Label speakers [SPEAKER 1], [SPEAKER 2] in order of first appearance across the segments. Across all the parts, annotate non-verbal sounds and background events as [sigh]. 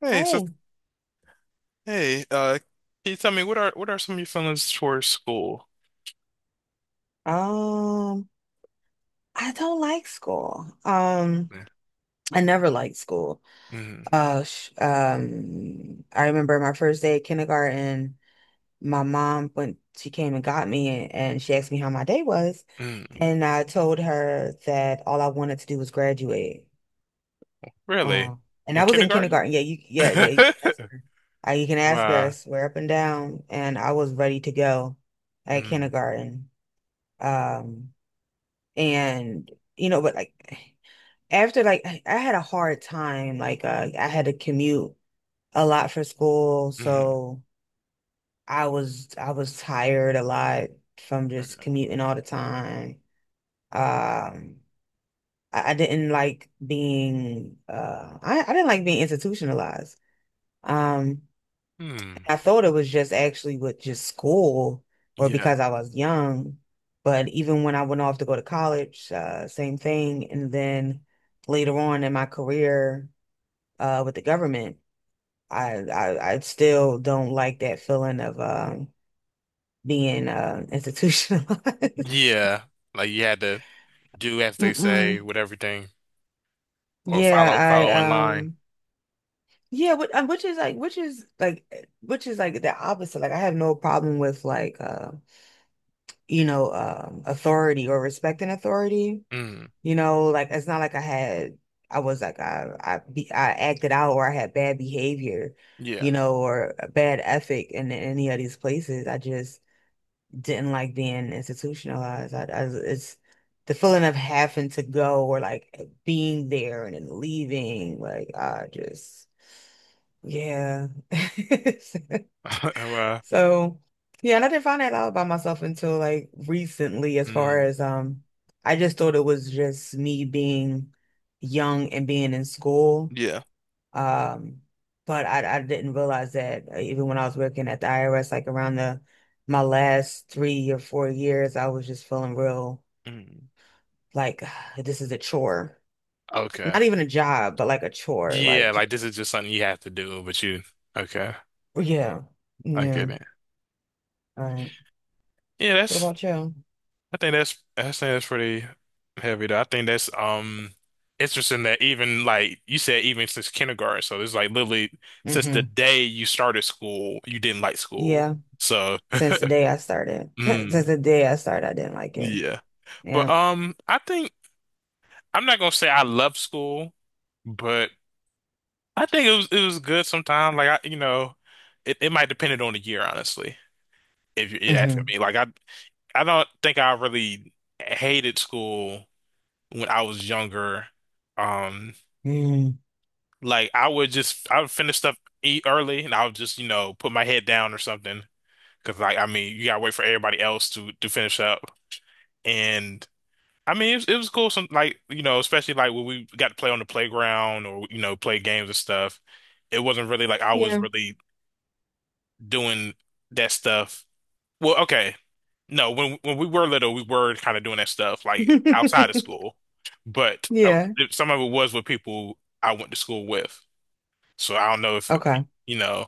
[SPEAKER 1] Hey, so
[SPEAKER 2] Hey,
[SPEAKER 1] hey, can you tell me what are some of your feelings towards school?
[SPEAKER 2] um, I don't like school. I never liked school.
[SPEAKER 1] Mm,
[SPEAKER 2] Sh I remember my first day at kindergarten. My mom went, she came and got me, and she asked me how my day was,
[SPEAKER 1] mm,
[SPEAKER 2] and I told her that all I wanted to do was graduate.
[SPEAKER 1] really?
[SPEAKER 2] Uh, and
[SPEAKER 1] In
[SPEAKER 2] I was in
[SPEAKER 1] kindergarten?
[SPEAKER 2] kindergarten. Yeah, yeah. You can ask
[SPEAKER 1] [laughs]
[SPEAKER 2] her. You can ask her. I
[SPEAKER 1] Wow.
[SPEAKER 2] swear up and down, and I was ready to go at
[SPEAKER 1] Mm,
[SPEAKER 2] kindergarten. Um. And you know but like After I had a hard time like I had to commute a lot for school,
[SPEAKER 1] mm,
[SPEAKER 2] so I was tired a lot from just
[SPEAKER 1] okay.
[SPEAKER 2] commuting all the time. um I didn't like being I didn't like being institutionalized. um
[SPEAKER 1] Mm,
[SPEAKER 2] I thought it was just actually with just school or
[SPEAKER 1] yeah.
[SPEAKER 2] because I was young. But even when I went off to go to college, same thing. And then later on in my career, with the government, I still don't like that feeling of being institutionalized.
[SPEAKER 1] Yeah. Like you had to do as
[SPEAKER 2] [laughs]
[SPEAKER 1] they say
[SPEAKER 2] Mm-mm.
[SPEAKER 1] with everything or
[SPEAKER 2] Yeah,
[SPEAKER 1] follow
[SPEAKER 2] I
[SPEAKER 1] follow in line.
[SPEAKER 2] yeah, which is like the opposite. Like I have no problem with authority or respecting authority.
[SPEAKER 1] Mm,
[SPEAKER 2] You know, like it's not like I had, I was like I, be, I acted out or I had bad behavior,
[SPEAKER 1] yeah.
[SPEAKER 2] you know, or a bad ethic in any of these places. I just didn't like being institutionalized. It's the feeling of having to go or like being there and then leaving. Like I just, yeah. [laughs]
[SPEAKER 1] [laughs] Well,
[SPEAKER 2] So yeah, and I didn't find that out about myself until like recently, as far
[SPEAKER 1] mm,
[SPEAKER 2] as I just thought it was just me being young and being in school.
[SPEAKER 1] yeah.
[SPEAKER 2] Um, but I didn't realize that even when I was working at the IRS, like around the my last 3 or 4 years, I was just feeling real
[SPEAKER 1] Mm,
[SPEAKER 2] like [sighs] this is a chore.
[SPEAKER 1] okay.
[SPEAKER 2] Not even a job, but like a chore.
[SPEAKER 1] Yeah,
[SPEAKER 2] Like
[SPEAKER 1] like this is just something you have to do, but you okay.
[SPEAKER 2] yeah.
[SPEAKER 1] I get
[SPEAKER 2] Yeah.
[SPEAKER 1] it.
[SPEAKER 2] All right.
[SPEAKER 1] Yeah,
[SPEAKER 2] So
[SPEAKER 1] that's
[SPEAKER 2] about you?
[SPEAKER 1] I think that's I think that's pretty heavy though. I think that's interesting that even like you said, even since kindergarten, so it's like literally since the
[SPEAKER 2] Mm-hmm.
[SPEAKER 1] day you started school, you didn't like school.
[SPEAKER 2] Yeah.
[SPEAKER 1] So
[SPEAKER 2] Since the day I started.
[SPEAKER 1] [laughs]
[SPEAKER 2] [laughs] Since
[SPEAKER 1] mm,
[SPEAKER 2] the day I started, I didn't like it.
[SPEAKER 1] yeah. But
[SPEAKER 2] Yeah.
[SPEAKER 1] I think I'm not gonna say I love school, but I think it was good sometimes. Like I, it might depend on the year, honestly, if you're asking
[SPEAKER 2] hmm
[SPEAKER 1] me. Like I don't think I really hated school when I was younger. Um,
[SPEAKER 2] hmm
[SPEAKER 1] like I would finish stuff, eat early, and I would just put my head down or something. Because like I mean, you gotta wait for everybody else to finish up. And I mean, it was cool. Some like especially like when we got to play on the playground or play games and stuff. It wasn't really like I was
[SPEAKER 2] Yeah.
[SPEAKER 1] really doing that stuff. Well, okay. No, when we were little, we were kind of doing that stuff like outside of
[SPEAKER 2] [laughs]
[SPEAKER 1] school, but
[SPEAKER 2] Yeah.
[SPEAKER 1] some of it was with people I went to school with. So I don't know if
[SPEAKER 2] Okay.
[SPEAKER 1] you know,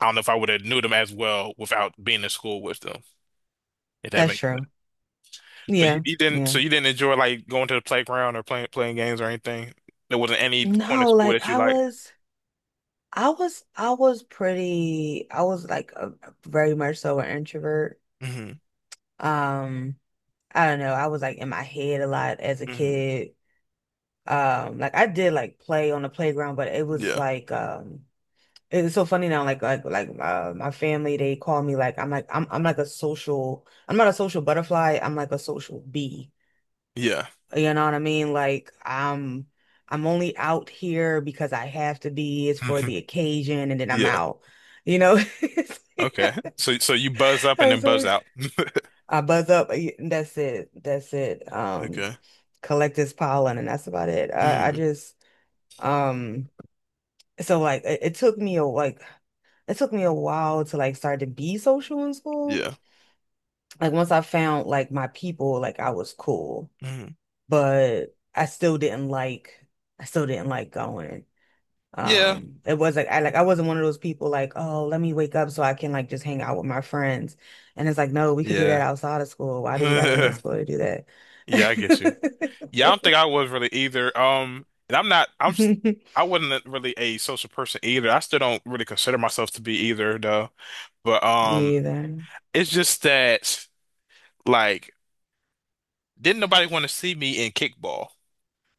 [SPEAKER 1] I don't know if I would have knew them as well without being in school with them, if that
[SPEAKER 2] That's
[SPEAKER 1] makes sense.
[SPEAKER 2] true.
[SPEAKER 1] But
[SPEAKER 2] Yeah.
[SPEAKER 1] you didn't,
[SPEAKER 2] Yeah.
[SPEAKER 1] so you didn't enjoy like going to the playground or playing games or anything. There wasn't any point of
[SPEAKER 2] No,
[SPEAKER 1] school
[SPEAKER 2] like
[SPEAKER 1] that you
[SPEAKER 2] I
[SPEAKER 1] liked.
[SPEAKER 2] was I was I was pretty, I was like a, very much so an introvert.
[SPEAKER 1] Hmm.
[SPEAKER 2] Um, I don't know. I was like in my head a lot as a
[SPEAKER 1] Hmm.
[SPEAKER 2] kid. Like I did like play on the playground, but
[SPEAKER 1] Yeah.
[SPEAKER 2] it's so funny now, like my family, they call me I'm not a social butterfly, I'm like a social bee.
[SPEAKER 1] Yeah.
[SPEAKER 2] You know what I mean? I'm only out here because I have to be, it's for
[SPEAKER 1] [laughs]
[SPEAKER 2] the occasion, and then I'm
[SPEAKER 1] Yeah.
[SPEAKER 2] out. You know?
[SPEAKER 1] Okay. So so you buzz
[SPEAKER 2] [laughs]
[SPEAKER 1] up and
[SPEAKER 2] I'm
[SPEAKER 1] then buzz
[SPEAKER 2] sorry.
[SPEAKER 1] out. [laughs]
[SPEAKER 2] I buzz up, y- That's it. That's it.
[SPEAKER 1] Okay.
[SPEAKER 2] Collect this pollen and that's about it. I
[SPEAKER 1] Mm.
[SPEAKER 2] just um so it took me a like it took me a while to like start to be social in school.
[SPEAKER 1] Yeah.
[SPEAKER 2] Like once I found like my people, like I was cool,
[SPEAKER 1] Mhm.
[SPEAKER 2] but I still didn't like going.
[SPEAKER 1] Yeah,
[SPEAKER 2] It was like I wasn't one of those people like, oh, let me wake up so I can like just hang out with my friends. And it's like, no, we could do that
[SPEAKER 1] yeah,
[SPEAKER 2] outside of school.
[SPEAKER 1] [laughs]
[SPEAKER 2] Why do we gotta be in
[SPEAKER 1] yeah.
[SPEAKER 2] school to do that?
[SPEAKER 1] I get you. Yeah, I don't think I was really either. And I'm not.
[SPEAKER 2] [laughs]
[SPEAKER 1] I wasn't really a social person either. I still don't really consider myself to be either, though. But
[SPEAKER 2] Me either.
[SPEAKER 1] it's just that like, didn't nobody want to see me in kickball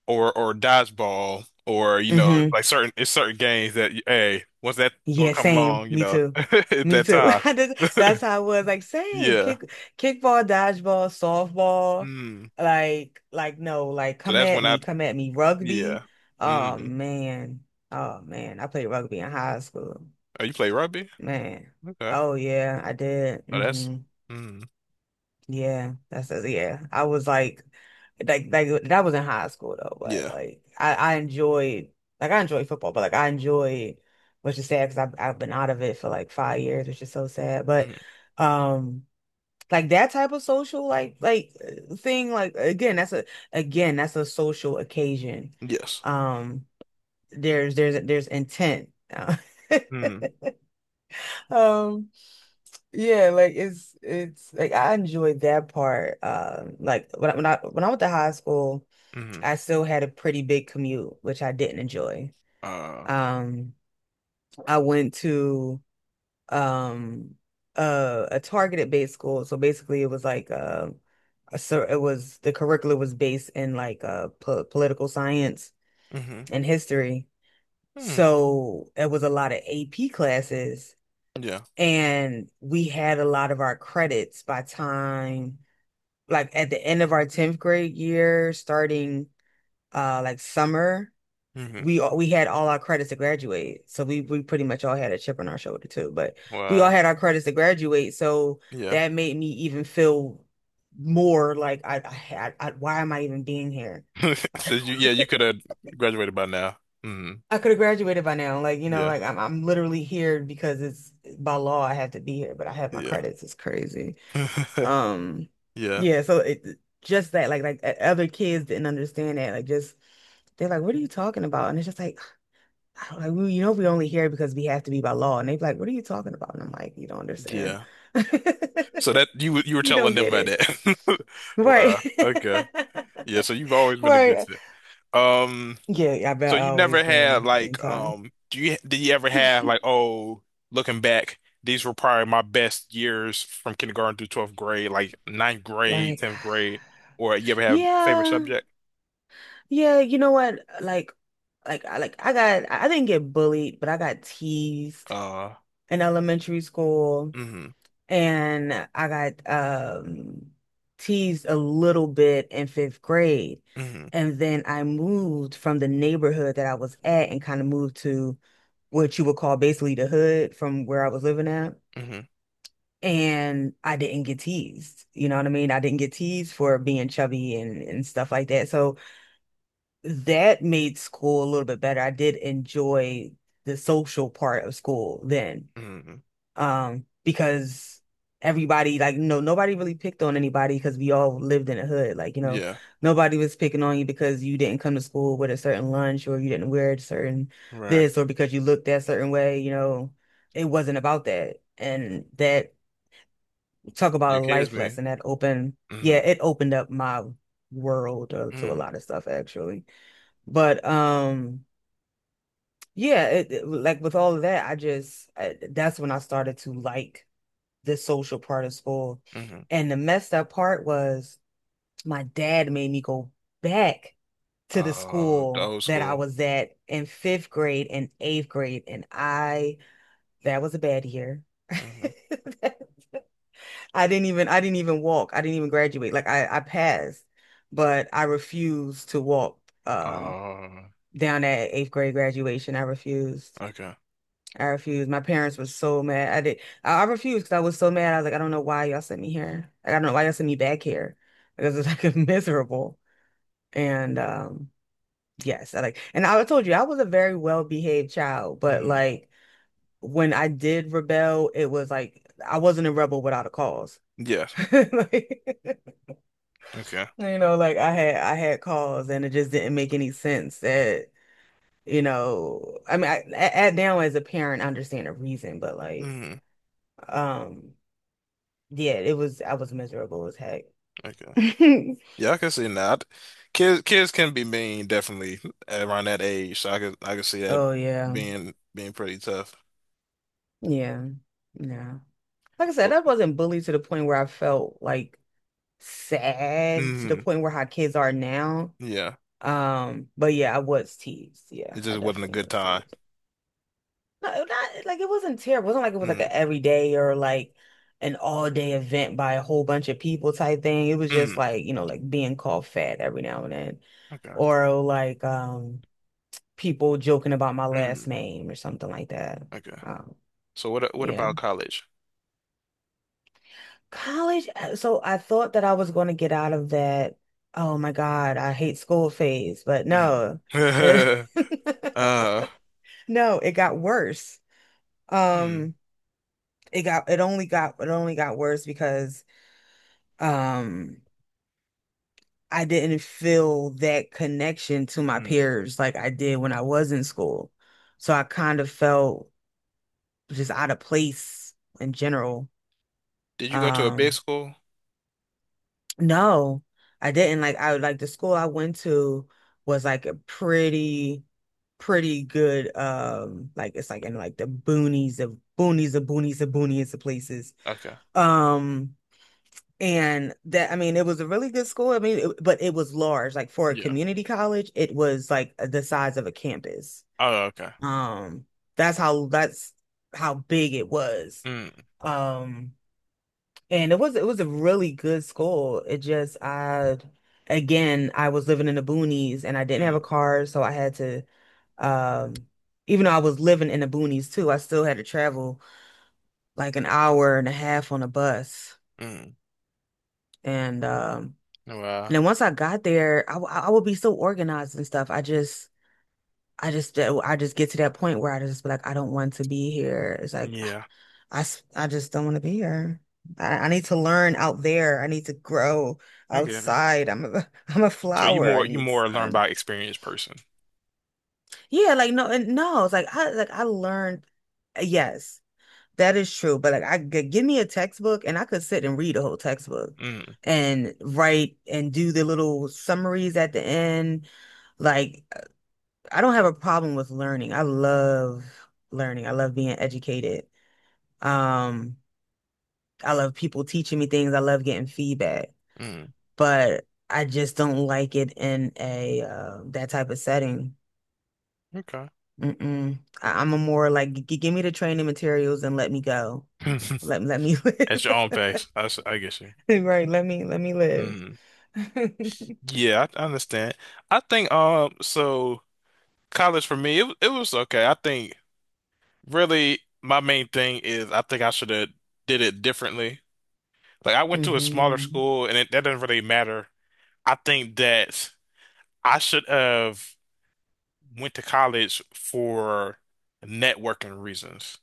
[SPEAKER 1] or dodgeball or you know
[SPEAKER 2] hmm
[SPEAKER 1] like certain it's certain games that hey once that don't
[SPEAKER 2] Yeah,
[SPEAKER 1] come
[SPEAKER 2] same.
[SPEAKER 1] along you
[SPEAKER 2] Me
[SPEAKER 1] know [laughs]
[SPEAKER 2] too.
[SPEAKER 1] at
[SPEAKER 2] Me
[SPEAKER 1] that
[SPEAKER 2] too.
[SPEAKER 1] time.
[SPEAKER 2] [laughs] I just- That's
[SPEAKER 1] [laughs]
[SPEAKER 2] how it was. Like same.
[SPEAKER 1] Yeah.
[SPEAKER 2] Kickball, dodgeball, softball.
[SPEAKER 1] Mm.
[SPEAKER 2] No, like
[SPEAKER 1] So that's when I.
[SPEAKER 2] come at me.
[SPEAKER 1] Yeah.
[SPEAKER 2] Rugby. Oh
[SPEAKER 1] Mm.
[SPEAKER 2] man. Oh man. I played rugby in high school.
[SPEAKER 1] Oh, you play rugby?
[SPEAKER 2] Man.
[SPEAKER 1] Okay.
[SPEAKER 2] Oh yeah, I did.
[SPEAKER 1] Oh, that's.
[SPEAKER 2] Mm-hmm.
[SPEAKER 1] Mm.
[SPEAKER 2] Yeah. I was Like that was in high school though, but
[SPEAKER 1] Yeah.
[SPEAKER 2] I enjoyed, like I enjoyed football, but like I enjoyed, which is sad because I've been out of it for like 5 years, which is so sad. But,
[SPEAKER 1] Mm.
[SPEAKER 2] um, like that type of social thing, like again that's a social occasion.
[SPEAKER 1] Yes.
[SPEAKER 2] Um, there's there's intent. [laughs]
[SPEAKER 1] Mm.
[SPEAKER 2] Um, yeah, like it's like I enjoyed that part. Like when I went to high school,
[SPEAKER 1] Mm.
[SPEAKER 2] I still had a pretty big commute, which I didn't enjoy.
[SPEAKER 1] Uh.
[SPEAKER 2] Um, I went to um a targeted based school, so basically it was like a so it was the curriculum was based in like po political science
[SPEAKER 1] Mm.
[SPEAKER 2] and history,
[SPEAKER 1] Mm.
[SPEAKER 2] so it was a lot of AP classes,
[SPEAKER 1] Yeah.
[SPEAKER 2] and we had a lot of our credits by time. At the end of our 10th grade year, starting summer,
[SPEAKER 1] Mm.
[SPEAKER 2] we had all our credits to graduate. So we pretty much all had a chip on our shoulder too, but
[SPEAKER 1] Well.
[SPEAKER 2] we all had our credits to graduate. So
[SPEAKER 1] Yeah.
[SPEAKER 2] that made me even feel more like I, had, I why am I even being here? [laughs]
[SPEAKER 1] [laughs] So you. Yeah. You could have graduated by now. Mm.
[SPEAKER 2] I could have graduated by now. Like, you know,
[SPEAKER 1] Yeah.
[SPEAKER 2] I'm literally here because it's by law I have to be here, but I have my
[SPEAKER 1] Yeah.
[SPEAKER 2] credits. It's crazy.
[SPEAKER 1] [laughs]
[SPEAKER 2] Um,
[SPEAKER 1] Yeah.
[SPEAKER 2] yeah, so it just that like o- other kids didn't understand that. Like just they're like, "What are you talking about?" And it's just like, [sighs] I don't, like we, you know, we only hear it because we have to be by law. And they're like, "What are you talking about?" And I'm like, "You don't understand.
[SPEAKER 1] Yeah.
[SPEAKER 2] [laughs]
[SPEAKER 1] So that you you were
[SPEAKER 2] You don't
[SPEAKER 1] telling them
[SPEAKER 2] get
[SPEAKER 1] about
[SPEAKER 2] it."
[SPEAKER 1] that. [laughs]
[SPEAKER 2] Right.
[SPEAKER 1] Wow.
[SPEAKER 2] [laughs]
[SPEAKER 1] Okay. Yeah. So you've always been
[SPEAKER 2] Right.
[SPEAKER 1] against it. Um.
[SPEAKER 2] Yeah, I
[SPEAKER 1] So
[SPEAKER 2] bet I've
[SPEAKER 1] you never
[SPEAKER 2] always
[SPEAKER 1] had
[SPEAKER 2] been
[SPEAKER 1] like
[SPEAKER 2] anti.
[SPEAKER 1] do you did you ever have like,
[SPEAKER 2] [laughs]
[SPEAKER 1] oh, looking back these were probably my best years from kindergarten through 12th grade, like ninth grade,
[SPEAKER 2] Like,
[SPEAKER 1] 10th grade, or you ever
[SPEAKER 2] [sighs]
[SPEAKER 1] have favorite
[SPEAKER 2] yeah,
[SPEAKER 1] subject?
[SPEAKER 2] yeah, you know what? Like, I didn't get bullied, but I got teased
[SPEAKER 1] Uh,
[SPEAKER 2] in elementary school,
[SPEAKER 1] mm-hmm,
[SPEAKER 2] and I got teased a little bit in fifth grade.
[SPEAKER 1] mm-hmm,
[SPEAKER 2] And then I moved from the neighborhood that I was at and kind of moved to what you would call basically the hood from where I was living at.
[SPEAKER 1] mm-hmm,
[SPEAKER 2] And I didn't get teased. You know what I mean? I didn't get teased for being chubby and stuff like that. So that made school a little bit better. I did enjoy the social part of school then,
[SPEAKER 1] mm-hmm,
[SPEAKER 2] because everybody like no nobody really picked on anybody because we all lived in a hood. Like, you know,
[SPEAKER 1] yeah,
[SPEAKER 2] nobody was picking on you because you didn't come to school with a certain lunch or you didn't wear a certain
[SPEAKER 1] right,
[SPEAKER 2] this or because you looked that certain way, you know. It wasn't about that. And that, talk
[SPEAKER 1] your
[SPEAKER 2] about a
[SPEAKER 1] kids
[SPEAKER 2] life
[SPEAKER 1] me,
[SPEAKER 2] lesson that opened, yeah,
[SPEAKER 1] mm-hmm,
[SPEAKER 2] it opened up my world to a
[SPEAKER 1] mm-hmm,
[SPEAKER 2] lot of stuff actually. But yeah, like with all of that, that's when I started to like the social part of school.
[SPEAKER 1] mm-hmm,
[SPEAKER 2] And the messed up part was my dad made me go back to the
[SPEAKER 1] uh, the
[SPEAKER 2] school
[SPEAKER 1] old
[SPEAKER 2] that I
[SPEAKER 1] school,
[SPEAKER 2] was at in fifth grade, and eighth grade. That was a bad year.
[SPEAKER 1] mm-hmm,
[SPEAKER 2] [laughs] I didn't even walk. I didn't even graduate. I passed, but I refused to walk, um,
[SPEAKER 1] uh,
[SPEAKER 2] down at eighth grade graduation. I refused.
[SPEAKER 1] okay,
[SPEAKER 2] I refused. My parents were so mad. I did. I refused because I was so mad. I was like, I don't know why y'all sent me here. Like, I don't know why y'all sent me back here. Because it's like [laughs] miserable. And yes, I like. And I told you I was a very well-behaved child, but
[SPEAKER 1] mm-hmm,
[SPEAKER 2] like when I did rebel, it was like I wasn't a rebel without a cause.
[SPEAKER 1] yes,
[SPEAKER 2] [laughs] Like,
[SPEAKER 1] okay,
[SPEAKER 2] you know, like I had cause, and it just didn't make any sense that you know. I mean, at now as a parent, I understand the reason, but like.
[SPEAKER 1] mm-hmm,
[SPEAKER 2] Um, Yeah, I was miserable as heck. [laughs]
[SPEAKER 1] okay. Yeah, I can see that. Kids can be mean definitely around that age. So I could see that
[SPEAKER 2] Oh, yeah.
[SPEAKER 1] being pretty tough.
[SPEAKER 2] Yeah. Yeah. Like I said,
[SPEAKER 1] But
[SPEAKER 2] I wasn't bullied to the point where I felt like sad to the
[SPEAKER 1] mm,
[SPEAKER 2] point where how kids are now.
[SPEAKER 1] yeah,
[SPEAKER 2] But yeah, I was teased. Yeah,
[SPEAKER 1] it
[SPEAKER 2] I
[SPEAKER 1] just wasn't a
[SPEAKER 2] definitely
[SPEAKER 1] good
[SPEAKER 2] was
[SPEAKER 1] time.
[SPEAKER 2] teased. No, not like it wasn't terrible. It wasn't like it was like an
[SPEAKER 1] Mm,
[SPEAKER 2] everyday or like an all day event by a whole bunch of people type thing. It was just
[SPEAKER 1] mm,
[SPEAKER 2] like, you know, like being called fat every now and then.
[SPEAKER 1] okay,
[SPEAKER 2] Or like people joking about my last
[SPEAKER 1] mm,
[SPEAKER 2] name or something like that.
[SPEAKER 1] okay.
[SPEAKER 2] Um,
[SPEAKER 1] So what
[SPEAKER 2] yeah.
[SPEAKER 1] about college?
[SPEAKER 2] College. So I thought that I was going to get out of that. Oh my God, I hate school phase, but no.
[SPEAKER 1] Mm.
[SPEAKER 2] [laughs]
[SPEAKER 1] [laughs] Uh,
[SPEAKER 2] No, it got worse.
[SPEAKER 1] hmm,
[SPEAKER 2] Um, it got it only got it only got worse because um I didn't feel that connection to my
[SPEAKER 1] mm.
[SPEAKER 2] peers like I did when I was in school. So I kind of felt just out of place in general.
[SPEAKER 1] Did you go to a big
[SPEAKER 2] Um,
[SPEAKER 1] school?
[SPEAKER 2] No, I didn't. Like the school I went to was like a pretty good like it's like in like the boonies of places.
[SPEAKER 1] Okay,
[SPEAKER 2] Um and that I mean it was a really good school. I mean it, but it was large. Like for a
[SPEAKER 1] yeah.
[SPEAKER 2] community college, it was like the size of a campus.
[SPEAKER 1] Oh, okay.
[SPEAKER 2] Um that's how big it was.
[SPEAKER 1] Mm,
[SPEAKER 2] Um and it was a really good school. It just I again I was living in the boonies and I didn't have a
[SPEAKER 1] mm,
[SPEAKER 2] car, so I had to um even though I was living in the boonies too, I still had to travel like an hour and a half on a bus.
[SPEAKER 1] mm.
[SPEAKER 2] And and
[SPEAKER 1] Well,
[SPEAKER 2] then once I got there, I would be so organized and stuff. I just get to that point where I just be like I don't want to be here. It's like
[SPEAKER 1] yeah,
[SPEAKER 2] I just don't want to be here. I need to learn out there. I need to grow
[SPEAKER 1] I get it.
[SPEAKER 2] outside. I'm a [laughs] I'm a
[SPEAKER 1] So
[SPEAKER 2] flower. I
[SPEAKER 1] you
[SPEAKER 2] need
[SPEAKER 1] more learn
[SPEAKER 2] sun.
[SPEAKER 1] by experience person.
[SPEAKER 2] Yeah, like no, and no, it's like I learned. Yes, that is true. But like give me a textbook and I could sit and read a whole textbook
[SPEAKER 1] Mm,
[SPEAKER 2] and write and do the little summaries at the end. Like I don't have a problem with learning. I love learning. I love being educated. Um, I love people teaching me things. I love getting feedback,
[SPEAKER 1] mm.
[SPEAKER 2] but I just don't like it in a that type of setting.
[SPEAKER 1] Okay.
[SPEAKER 2] Mm-mm. I'm a more like give me the training materials and let me go.
[SPEAKER 1] [laughs]
[SPEAKER 2] Let me [laughs] live.
[SPEAKER 1] At your own pace. I get you.
[SPEAKER 2] Right, let me live.
[SPEAKER 1] Mhm.
[SPEAKER 2] [laughs]
[SPEAKER 1] Yeah, I understand. I think so college for me it was okay. I think really my main thing is I think I should have did it differently. Like I went to a smaller
[SPEAKER 2] Hmm.
[SPEAKER 1] school and it, that doesn't really matter. I think that I should have went to college for networking reasons.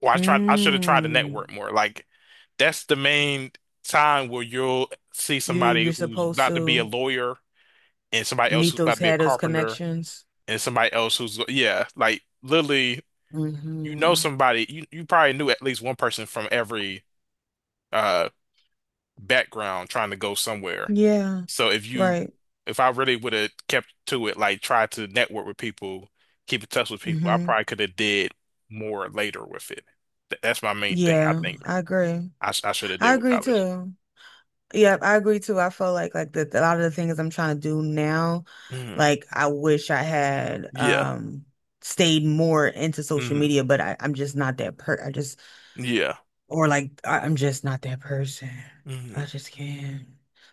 [SPEAKER 1] Or I tried, I should have tried to network
[SPEAKER 2] Mm.
[SPEAKER 1] more. Like that's the main time where you'll see
[SPEAKER 2] You
[SPEAKER 1] somebody
[SPEAKER 2] you're
[SPEAKER 1] who's
[SPEAKER 2] supposed
[SPEAKER 1] about to be a
[SPEAKER 2] to
[SPEAKER 1] lawyer and somebody else
[SPEAKER 2] meet
[SPEAKER 1] who's about
[SPEAKER 2] those
[SPEAKER 1] to be a
[SPEAKER 2] had those
[SPEAKER 1] carpenter
[SPEAKER 2] connections.
[SPEAKER 1] and somebody else who's yeah, like literally you know
[SPEAKER 2] Hmm.
[SPEAKER 1] somebody you you probably knew at least one person from every uh background trying to go somewhere.
[SPEAKER 2] Yeah.
[SPEAKER 1] So if you
[SPEAKER 2] Right.
[SPEAKER 1] if I really would have kept to it, like tried to network with people, keep in touch with people, I
[SPEAKER 2] Hmm.
[SPEAKER 1] probably could have did more later with it. That's my main thing, I
[SPEAKER 2] Yeah,
[SPEAKER 1] think.
[SPEAKER 2] I agree.
[SPEAKER 1] I should have did
[SPEAKER 2] I
[SPEAKER 1] with
[SPEAKER 2] agree
[SPEAKER 1] college.
[SPEAKER 2] too. Yeah, I agree too. I feel like that a lot of the things I'm trying to do now,
[SPEAKER 1] Hmm.
[SPEAKER 2] like I wish I had
[SPEAKER 1] Yeah.
[SPEAKER 2] stayed more into social
[SPEAKER 1] Hmm.
[SPEAKER 2] media, but I, I'm just not that per I just
[SPEAKER 1] Yeah.
[SPEAKER 2] or like I, I'm just not that person. I
[SPEAKER 1] Hmm.
[SPEAKER 2] just can't.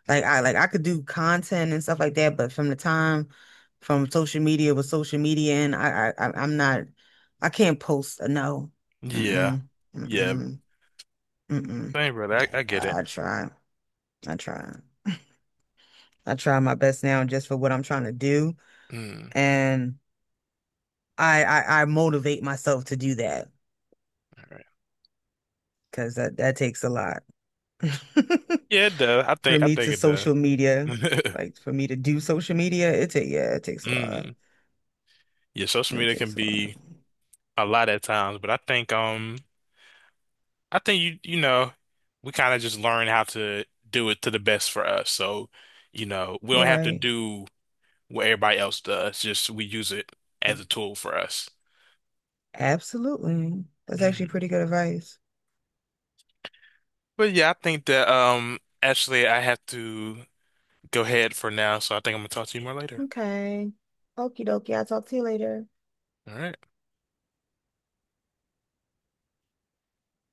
[SPEAKER 2] Like I could do content and stuff like that, but from the time from social media with social media and I'm not I can't post a no.
[SPEAKER 1] Yeah.
[SPEAKER 2] Mm-mm.
[SPEAKER 1] Yeah.
[SPEAKER 2] Mm-mm. Mm-mm.
[SPEAKER 1] Thank brother. I get
[SPEAKER 2] I,
[SPEAKER 1] it.
[SPEAKER 2] I try. I try. I try my best now just for what I'm trying to do.
[SPEAKER 1] Mm.
[SPEAKER 2] And I motivate myself to do that
[SPEAKER 1] All right.
[SPEAKER 2] because that takes a lot. [laughs]
[SPEAKER 1] Yeah, it does.
[SPEAKER 2] For
[SPEAKER 1] I
[SPEAKER 2] me
[SPEAKER 1] think
[SPEAKER 2] to
[SPEAKER 1] it does.
[SPEAKER 2] social media,
[SPEAKER 1] [laughs]
[SPEAKER 2] like for me to do social media, it take yeah, it takes a lot.
[SPEAKER 1] Mm. Yeah, social
[SPEAKER 2] It
[SPEAKER 1] media can
[SPEAKER 2] takes a lot.
[SPEAKER 1] be a lot at times, but I think you you know, we kind of just learn how to do it to the best for us. So, you know, we don't
[SPEAKER 2] You're
[SPEAKER 1] have to
[SPEAKER 2] right.
[SPEAKER 1] do what everybody else does, just we use it as a tool for us.
[SPEAKER 2] Absolutely. That's actually pretty good advice.
[SPEAKER 1] But yeah, I think that actually I have to go ahead for now, so I think I'm gonna talk to you more later.
[SPEAKER 2] Okay. Okie dokie. I'll talk to you later.
[SPEAKER 1] All right.